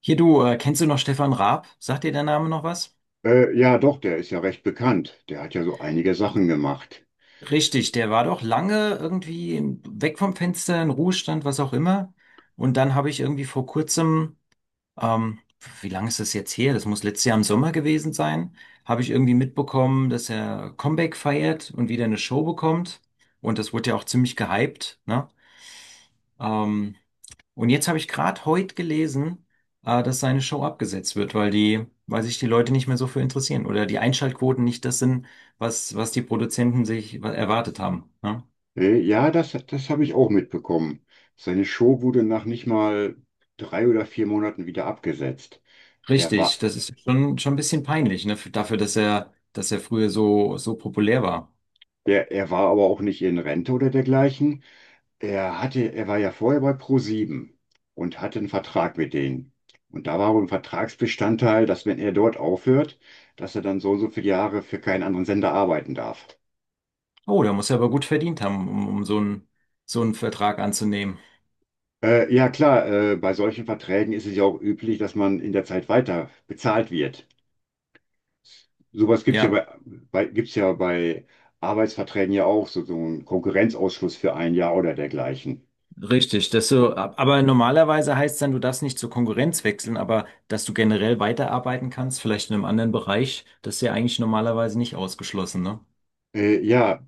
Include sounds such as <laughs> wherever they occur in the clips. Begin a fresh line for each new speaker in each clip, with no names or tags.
Hier du, kennst du noch Stefan Raab? Sagt dir der Name noch was?
Ja, doch, der ist ja recht bekannt. Der hat ja so einige Sachen gemacht.
Richtig, der war doch lange irgendwie weg vom Fenster, in Ruhestand, was auch immer. Und dann habe ich irgendwie vor kurzem, ähm, wie lange ist das jetzt her? Das muss letztes Jahr im Sommer gewesen sein, habe ich irgendwie mitbekommen, dass er Comeback feiert und wieder eine Show bekommt. Und das wurde ja auch ziemlich gehypt, ne? Ähm, Und jetzt habe ich gerade heute gelesen, dass seine Show abgesetzt wird, weil sich die Leute nicht mehr so für interessieren oder die Einschaltquoten nicht das sind, was die Produzenten sich erwartet haben. Ne?
Ja, das habe ich auch mitbekommen. Seine Show wurde nach nicht mal drei oder vier Monaten wieder abgesetzt. Er war,
Richtig, das ist schon ein bisschen peinlich, ne? Dafür, dass dass er früher so populär war.
er war aber auch nicht in Rente oder dergleichen. Er war ja vorher bei ProSieben und hatte einen Vertrag mit denen. Und da war wohl ein Vertragsbestandteil, dass, wenn er dort aufhört, dass er dann so und so viele Jahre für keinen anderen Sender arbeiten darf.
Oh, da muss er aber gut verdient haben, um so so einen Vertrag anzunehmen.
Ja klar, bei solchen Verträgen ist es ja auch üblich, dass man in der Zeit weiter bezahlt wird. Sowas gibt's ja
Ja.
bei, bei, gibt's ja bei Arbeitsverträgen ja auch, so, so einen Konkurrenzausschluss für ein Jahr oder dergleichen.
Richtig, dass du, aber normalerweise heißt es dann, du darfst nicht zur Konkurrenz wechseln, aber dass du generell weiterarbeiten kannst, vielleicht in einem anderen Bereich, das ist ja eigentlich normalerweise nicht ausgeschlossen, ne?
Ja,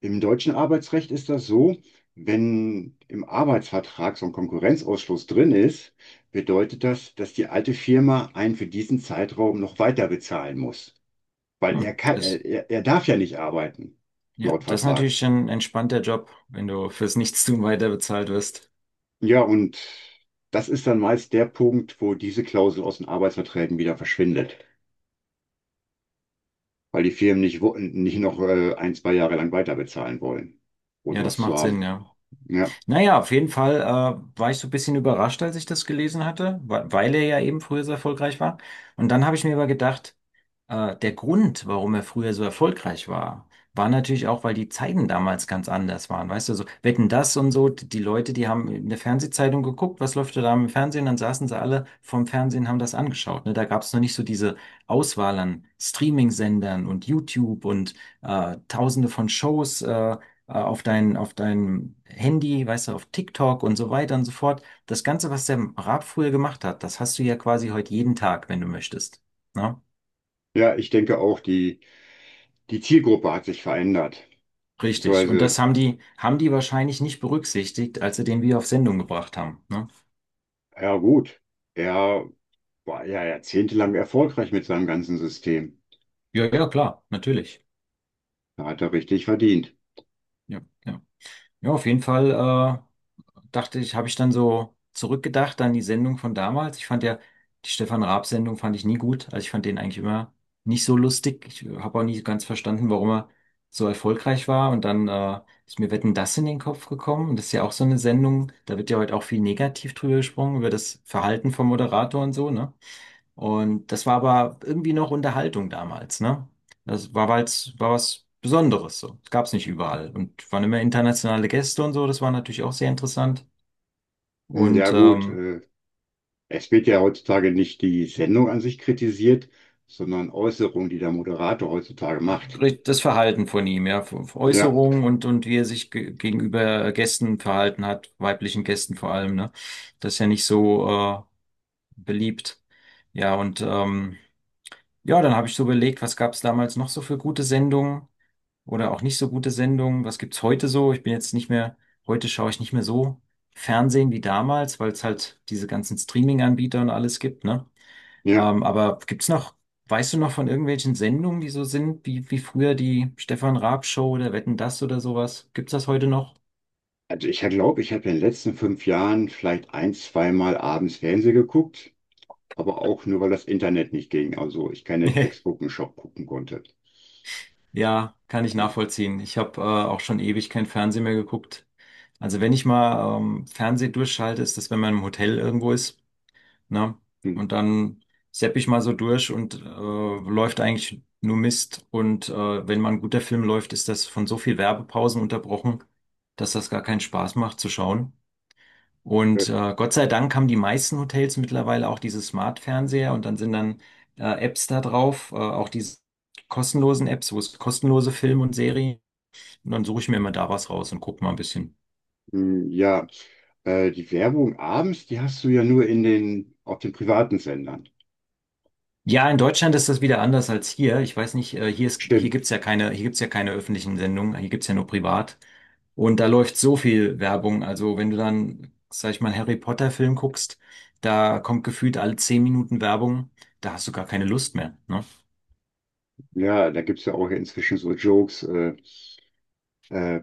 im deutschen Arbeitsrecht ist das so: Wenn im Arbeitsvertrag so ein Konkurrenzausschluss drin ist, bedeutet das, dass die alte Firma einen für diesen Zeitraum noch weiter bezahlen muss, weil er kann,
Das,
er, er darf ja nicht arbeiten,
ja,
laut
das ist
Vertrag.
natürlich ein entspannter Job, wenn du fürs Nichtstun weiter bezahlt wirst.
Ja, und das ist dann meist der Punkt, wo diese Klausel aus den Arbeitsverträgen wieder verschwindet, weil die Firmen nicht noch ein, zwei Jahre lang weiter bezahlen wollen, ohne
Ja, das
was zu
macht
haben.
Sinn, ja.
Ja,
Naja, auf jeden Fall, war ich so ein bisschen überrascht, als ich das gelesen hatte, weil er ja eben früher so erfolgreich war. Und dann habe ich mir aber gedacht, der Grund, warum er früher so erfolgreich war, war natürlich auch, weil die Zeiten damals ganz anders waren. Weißt du, so Wetten, das und so, die Leute, die haben in der Fernsehzeitung geguckt, was läuft da im Fernsehen, dann saßen sie alle vorm Fernsehen, haben das angeschaut. Ne? Da gab es noch nicht so diese Auswahl an Streaming-Sendern und YouTube und tausende von Shows auf auf deinem Handy, weißt du, auf TikTok und so weiter und so fort. Das Ganze, was der Raab früher gemacht hat, das hast du ja quasi heute jeden Tag, wenn du möchtest. Ne?
ja, ich denke auch, die Zielgruppe hat sich verändert.
Richtig. Und das
Beziehungsweise,
haben haben die wahrscheinlich nicht berücksichtigt, als sie den wieder auf Sendung gebracht haben. Ne?
ja gut, er war ja jahrzehntelang erfolgreich mit seinem ganzen System.
Ja, ja, klar, natürlich.
Da hat er richtig verdient.
Ja, ja. Ja, auf jeden Fall dachte ich, habe ich dann so zurückgedacht an die Sendung von damals. Ich fand ja, die Stefan Raab-Sendung fand ich nie gut. Also ich fand den eigentlich immer nicht so lustig. Ich habe auch nie so ganz verstanden, warum er so erfolgreich war. Und dann ist mir Wetten, das in den Kopf gekommen. Und das ist ja auch so eine Sendung, da wird ja heute auch viel negativ drüber gesprungen über das Verhalten vom Moderator und so, ne? Und das war aber irgendwie noch Unterhaltung damals, ne? Das war, weil's, war was Besonderes so. Das gab es nicht überall. Und waren immer internationale Gäste und so, das war natürlich auch sehr interessant.
Hm, ja
Und
gut,
ähm,
es wird ja heutzutage nicht die Sendung an sich kritisiert, sondern Äußerungen, die der Moderator heutzutage macht.
das Verhalten von ihm, ja,
Ja,
Äußerungen und wie er sich ge gegenüber Gästen verhalten hat, weiblichen Gästen vor allem, ne? Das ist ja nicht so beliebt. Ja, und ja, dann habe ich so überlegt, was gab es damals noch so für gute Sendungen? Oder auch nicht so gute Sendungen. Was gibt's heute so? Ich bin jetzt nicht mehr, heute schaue ich nicht mehr so Fernsehen wie damals, weil es halt diese ganzen Streaming-Anbieter und alles gibt, ne?
ja.
Ähm, aber gibt's noch, weißt du noch von irgendwelchen Sendungen, die so sind, wie früher die Stefan Raab Show oder Wetten das oder sowas? Gibt's das heute noch?
Also ich glaube, ich habe in den letzten fünf Jahren vielleicht ein, zweimal abends Fernsehen geguckt, aber auch nur, weil das Internet nicht ging. Also ich kein Netflix
<laughs>
gucken, Shop gucken konnte.
Ja, kann ich
Also,
nachvollziehen. Ich habe auch schon ewig kein Fernsehen mehr geguckt. Also wenn ich mal Fernsehen durchschalte, ist das, wenn man im Hotel irgendwo ist. Ne?
Hm,
Und dann sepp ich mal so durch und läuft eigentlich nur Mist. Und wenn mal ein guter Film läuft, ist das von so viel Werbepausen unterbrochen, dass das gar keinen Spaß macht zu schauen.
äh,
Und Gott sei Dank haben die meisten Hotels mittlerweile auch diese Smart-Fernseher und dann sind dann Apps da drauf, auch diese kostenlosen Apps, wo es kostenlose Filme und Serien. Und dann suche ich mir immer da was raus und gucke mal ein bisschen.
hm, Ja, die Werbung abends, die hast du ja nur in den, auf den privaten Sendern.
Ja, in Deutschland ist das wieder anders als hier. Ich weiß nicht, hier
Stimmt.
gibt's ja keine, hier gibt's ja keine öffentlichen Sendungen, hier gibt's ja nur privat. Und da läuft so viel Werbung. Also wenn du dann, sag ich mal, Harry Potter Film guckst, da kommt gefühlt alle 10 Minuten Werbung, da hast du gar keine Lust mehr, ne?
Ja, da gibt es ja auch ja inzwischen so Jokes, äh,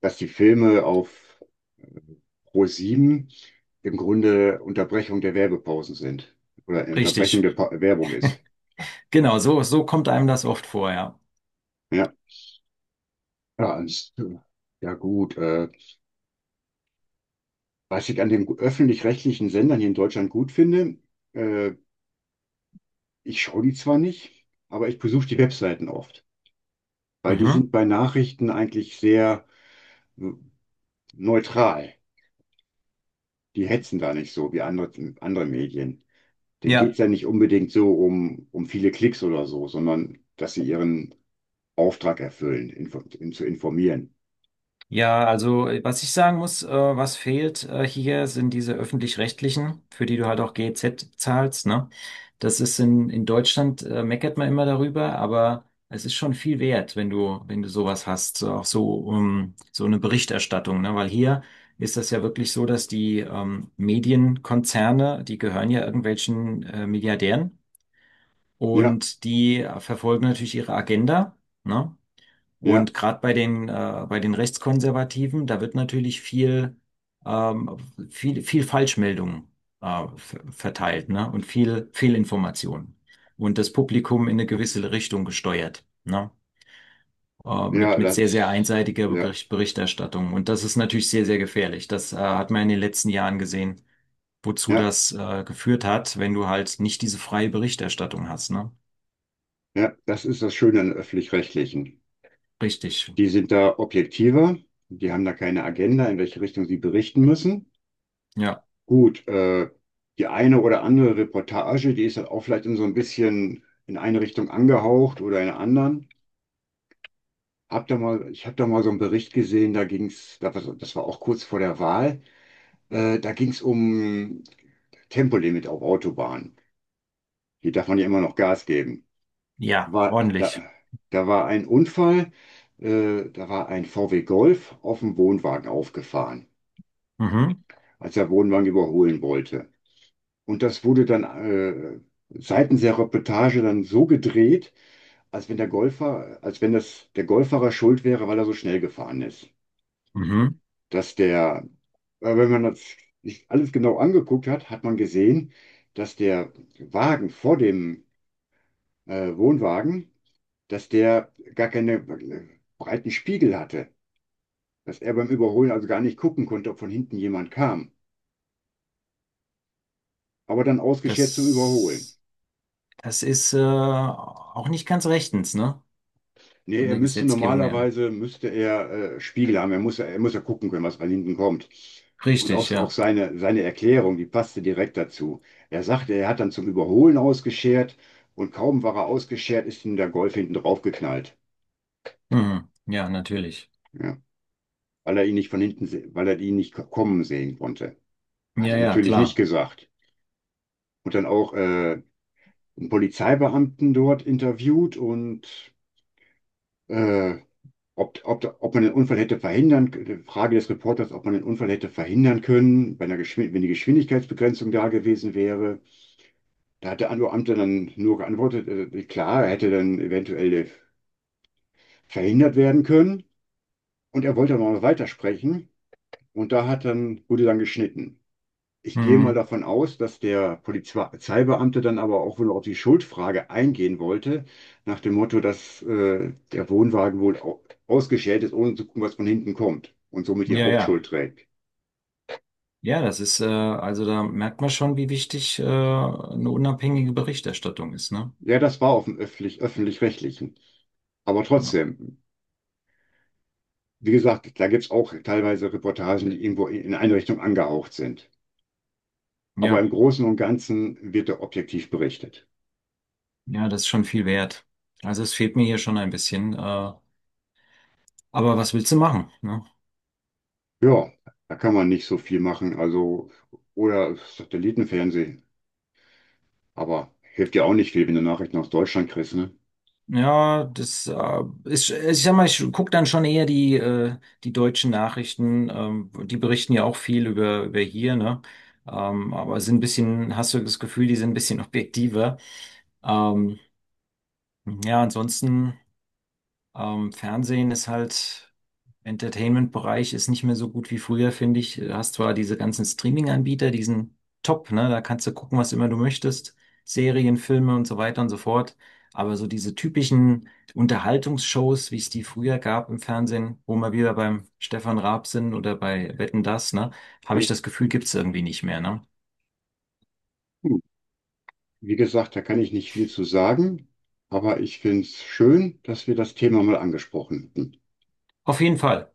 dass die Filme auf pro sieben im Grunde Unterbrechung der Werbepausen sind oder Unterbrechung
Richtig.
der Werbung ist.
Genau, so kommt einem das oft vor, ja.
Ja, Ja, ans- ja gut. Was ich an den öffentlich-rechtlichen Sendern hier in Deutschland gut finde, äh, ich schaue die zwar nicht, aber ich besuche die Webseiten oft, weil die
Mhm.
sind bei Nachrichten eigentlich sehr äh, neutral. Die hetzen da nicht so wie andere Medien. Denen geht's
Ja.
ja nicht unbedingt so um viele Klicks oder so, sondern dass sie ihren Auftrag erfüllen, zu informieren.
Ja, also was ich sagen muss, was fehlt hier, sind diese öffentlich-rechtlichen, für die du halt auch GEZ zahlst, ne? Das ist in Deutschland, meckert man immer darüber, aber es ist schon viel wert, wenn wenn du sowas hast, so auch so, so eine Berichterstattung, ne? Weil hier ist das ja wirklich so, dass die Medienkonzerne, die gehören ja irgendwelchen Milliardären
Ja,
und die verfolgen natürlich ihre Agenda, ne?
ja,
Und gerade bei bei den Rechtskonservativen, da wird natürlich ähm, viel Falschmeldung, äh, verteilt, ne? Und viel Fehlinformation. Und das Publikum in eine gewisse Richtung gesteuert, ne?
ja,
Mit sehr, sehr
das,
einseitiger
ja,
Berichterstattung. Und das ist natürlich sehr, sehr gefährlich. Hat man in den letzten Jahren gesehen,
ja,
geführt hat, wenn du halt nicht diese freie Berichterstattung hast, ne?
ja, das ist das Schöne an öffentlich-rechtlichen.
Richtig.
Die sind da objektiver, die haben da keine Agenda, in welche Richtung sie berichten müssen.
Ja.
Gut, die eine oder andere Reportage, die ist halt auch vielleicht in so ein bisschen in eine Richtung angehaucht oder in eine anderen. Ich habe da mal so einen Bericht gesehen, da ging's, da war- so, das war auch kurz vor der Wahl, da ging's um Tempolimit auf Autobahnen. Hier darf man ja immer noch Gas geben.
Ja,
War, da,
ordentlich.
Da war ein Unfall, da war ein VW Golf auf dem Wohnwagen aufgefahren,
Mhm.
als er Wohnwagen überholen wollte. Und das wurde dann seitens der Reportage dann so gedreht, als wenn das der Golffahrer schuld wäre, weil er so schnell gefahren ist.
Mhm.
Dass der, Wenn man das sich alles genau angeguckt hat, hat man gesehen, dass der Wagen vor dem Wohnwagen, dass der gar keine breiten Spiegel hatte. Dass er beim Überholen also gar nicht gucken konnte, ob von hinten jemand kam. Aber dann ausgeschert zum Überholen.
Das, das ist auch nicht ganz rechtens, ne?
Nee,
Von der Gesetzgebung her.
müsste er Spiegel haben. Er muss ja gucken können, was von hinten kommt. Und
Richtig,
auch
ja.
seine Erklärung, die passte direkt dazu. Er sagte, er hat dann zum Überholen ausgeschert, und kaum war er ausgeschert, ist ihm der Golf hinten draufgeknallt.
Mhm. Ja, natürlich.
Ja, weil er ihn nicht kommen sehen konnte. Hat
Ja,
er
ja,
natürlich
klar.
nicht gesagt. Und dann auch einen Polizeibeamten dort interviewt und äh, ob, ob, ob man den Unfall hätte verhindern, die Frage des Reporters, ob man den Unfall hätte verhindern können, bei einer Geschwind wenn die Geschwindigkeitsbegrenzung da gewesen wäre. Da hat der Beamte dann nur geantwortet, klar, er hätte dann eventuell verhindert werden können. Und er wollte aber noch weitersprechen. Und wurde dann geschnitten. Ich gehe mal
Mhm.
davon aus, dass der Polizeibeamte dann aber auch wohl auf die Schuldfrage eingehen wollte, nach dem Motto, dass der Wohnwagen wohl ausgeschält ist, ohne zu gucken, was von hinten kommt, und somit die
Ja, ja.
Hauptschuld trägt.
Ja, das ist, also da merkt man schon, wie wichtig eine unabhängige Berichterstattung ist, ne?
Ja, das war auf dem öffentlich-rechtlichen. Aber
Ja.
trotzdem, wie gesagt, da gibt's auch teilweise Reportagen, die irgendwo in eine Richtung angehaucht sind. Aber im
Ja,
Großen und Ganzen wird da objektiv berichtet.
ja, das ist schon viel wert. Also es fehlt mir hier schon ein bisschen. Aber was willst du machen, ne?
Ja, da kann man nicht so viel machen. Also, oder Satellitenfernsehen. Aber hilft dir auch nicht viel, wenn du Nachrichten aus Deutschland kriegst, ne?
Ja, das ich sag mal, ich gucke dann schon eher die deutschen Nachrichten. Die berichten ja auch viel über hier, ne? Hast du das Gefühl, die sind ein bisschen <laughs> objektiver. Ähm, ja, ansonsten. Fernsehen ist halt, Entertainment-Bereich ist nicht mehr so gut wie früher, finde ich. Du hast zwar diese ganzen Streaming-Anbieter, die sind top, ne? Da kannst du gucken, was immer du möchtest. Serien, Filme und so weiter und so fort. Aber so diese typischen Unterhaltungsshows, wie es die früher gab im Fernsehen, wo wir wieder beim Stefan Raab sind oder bei Wetten, dass, ne?
Ja,
Habe ich das Gefühl, gibt's irgendwie nicht mehr, ne?
hm. Wie gesagt, da kann ich nicht viel zu sagen, aber ich finde es schön, dass wir das Thema mal angesprochen hatten.
Auf jeden Fall.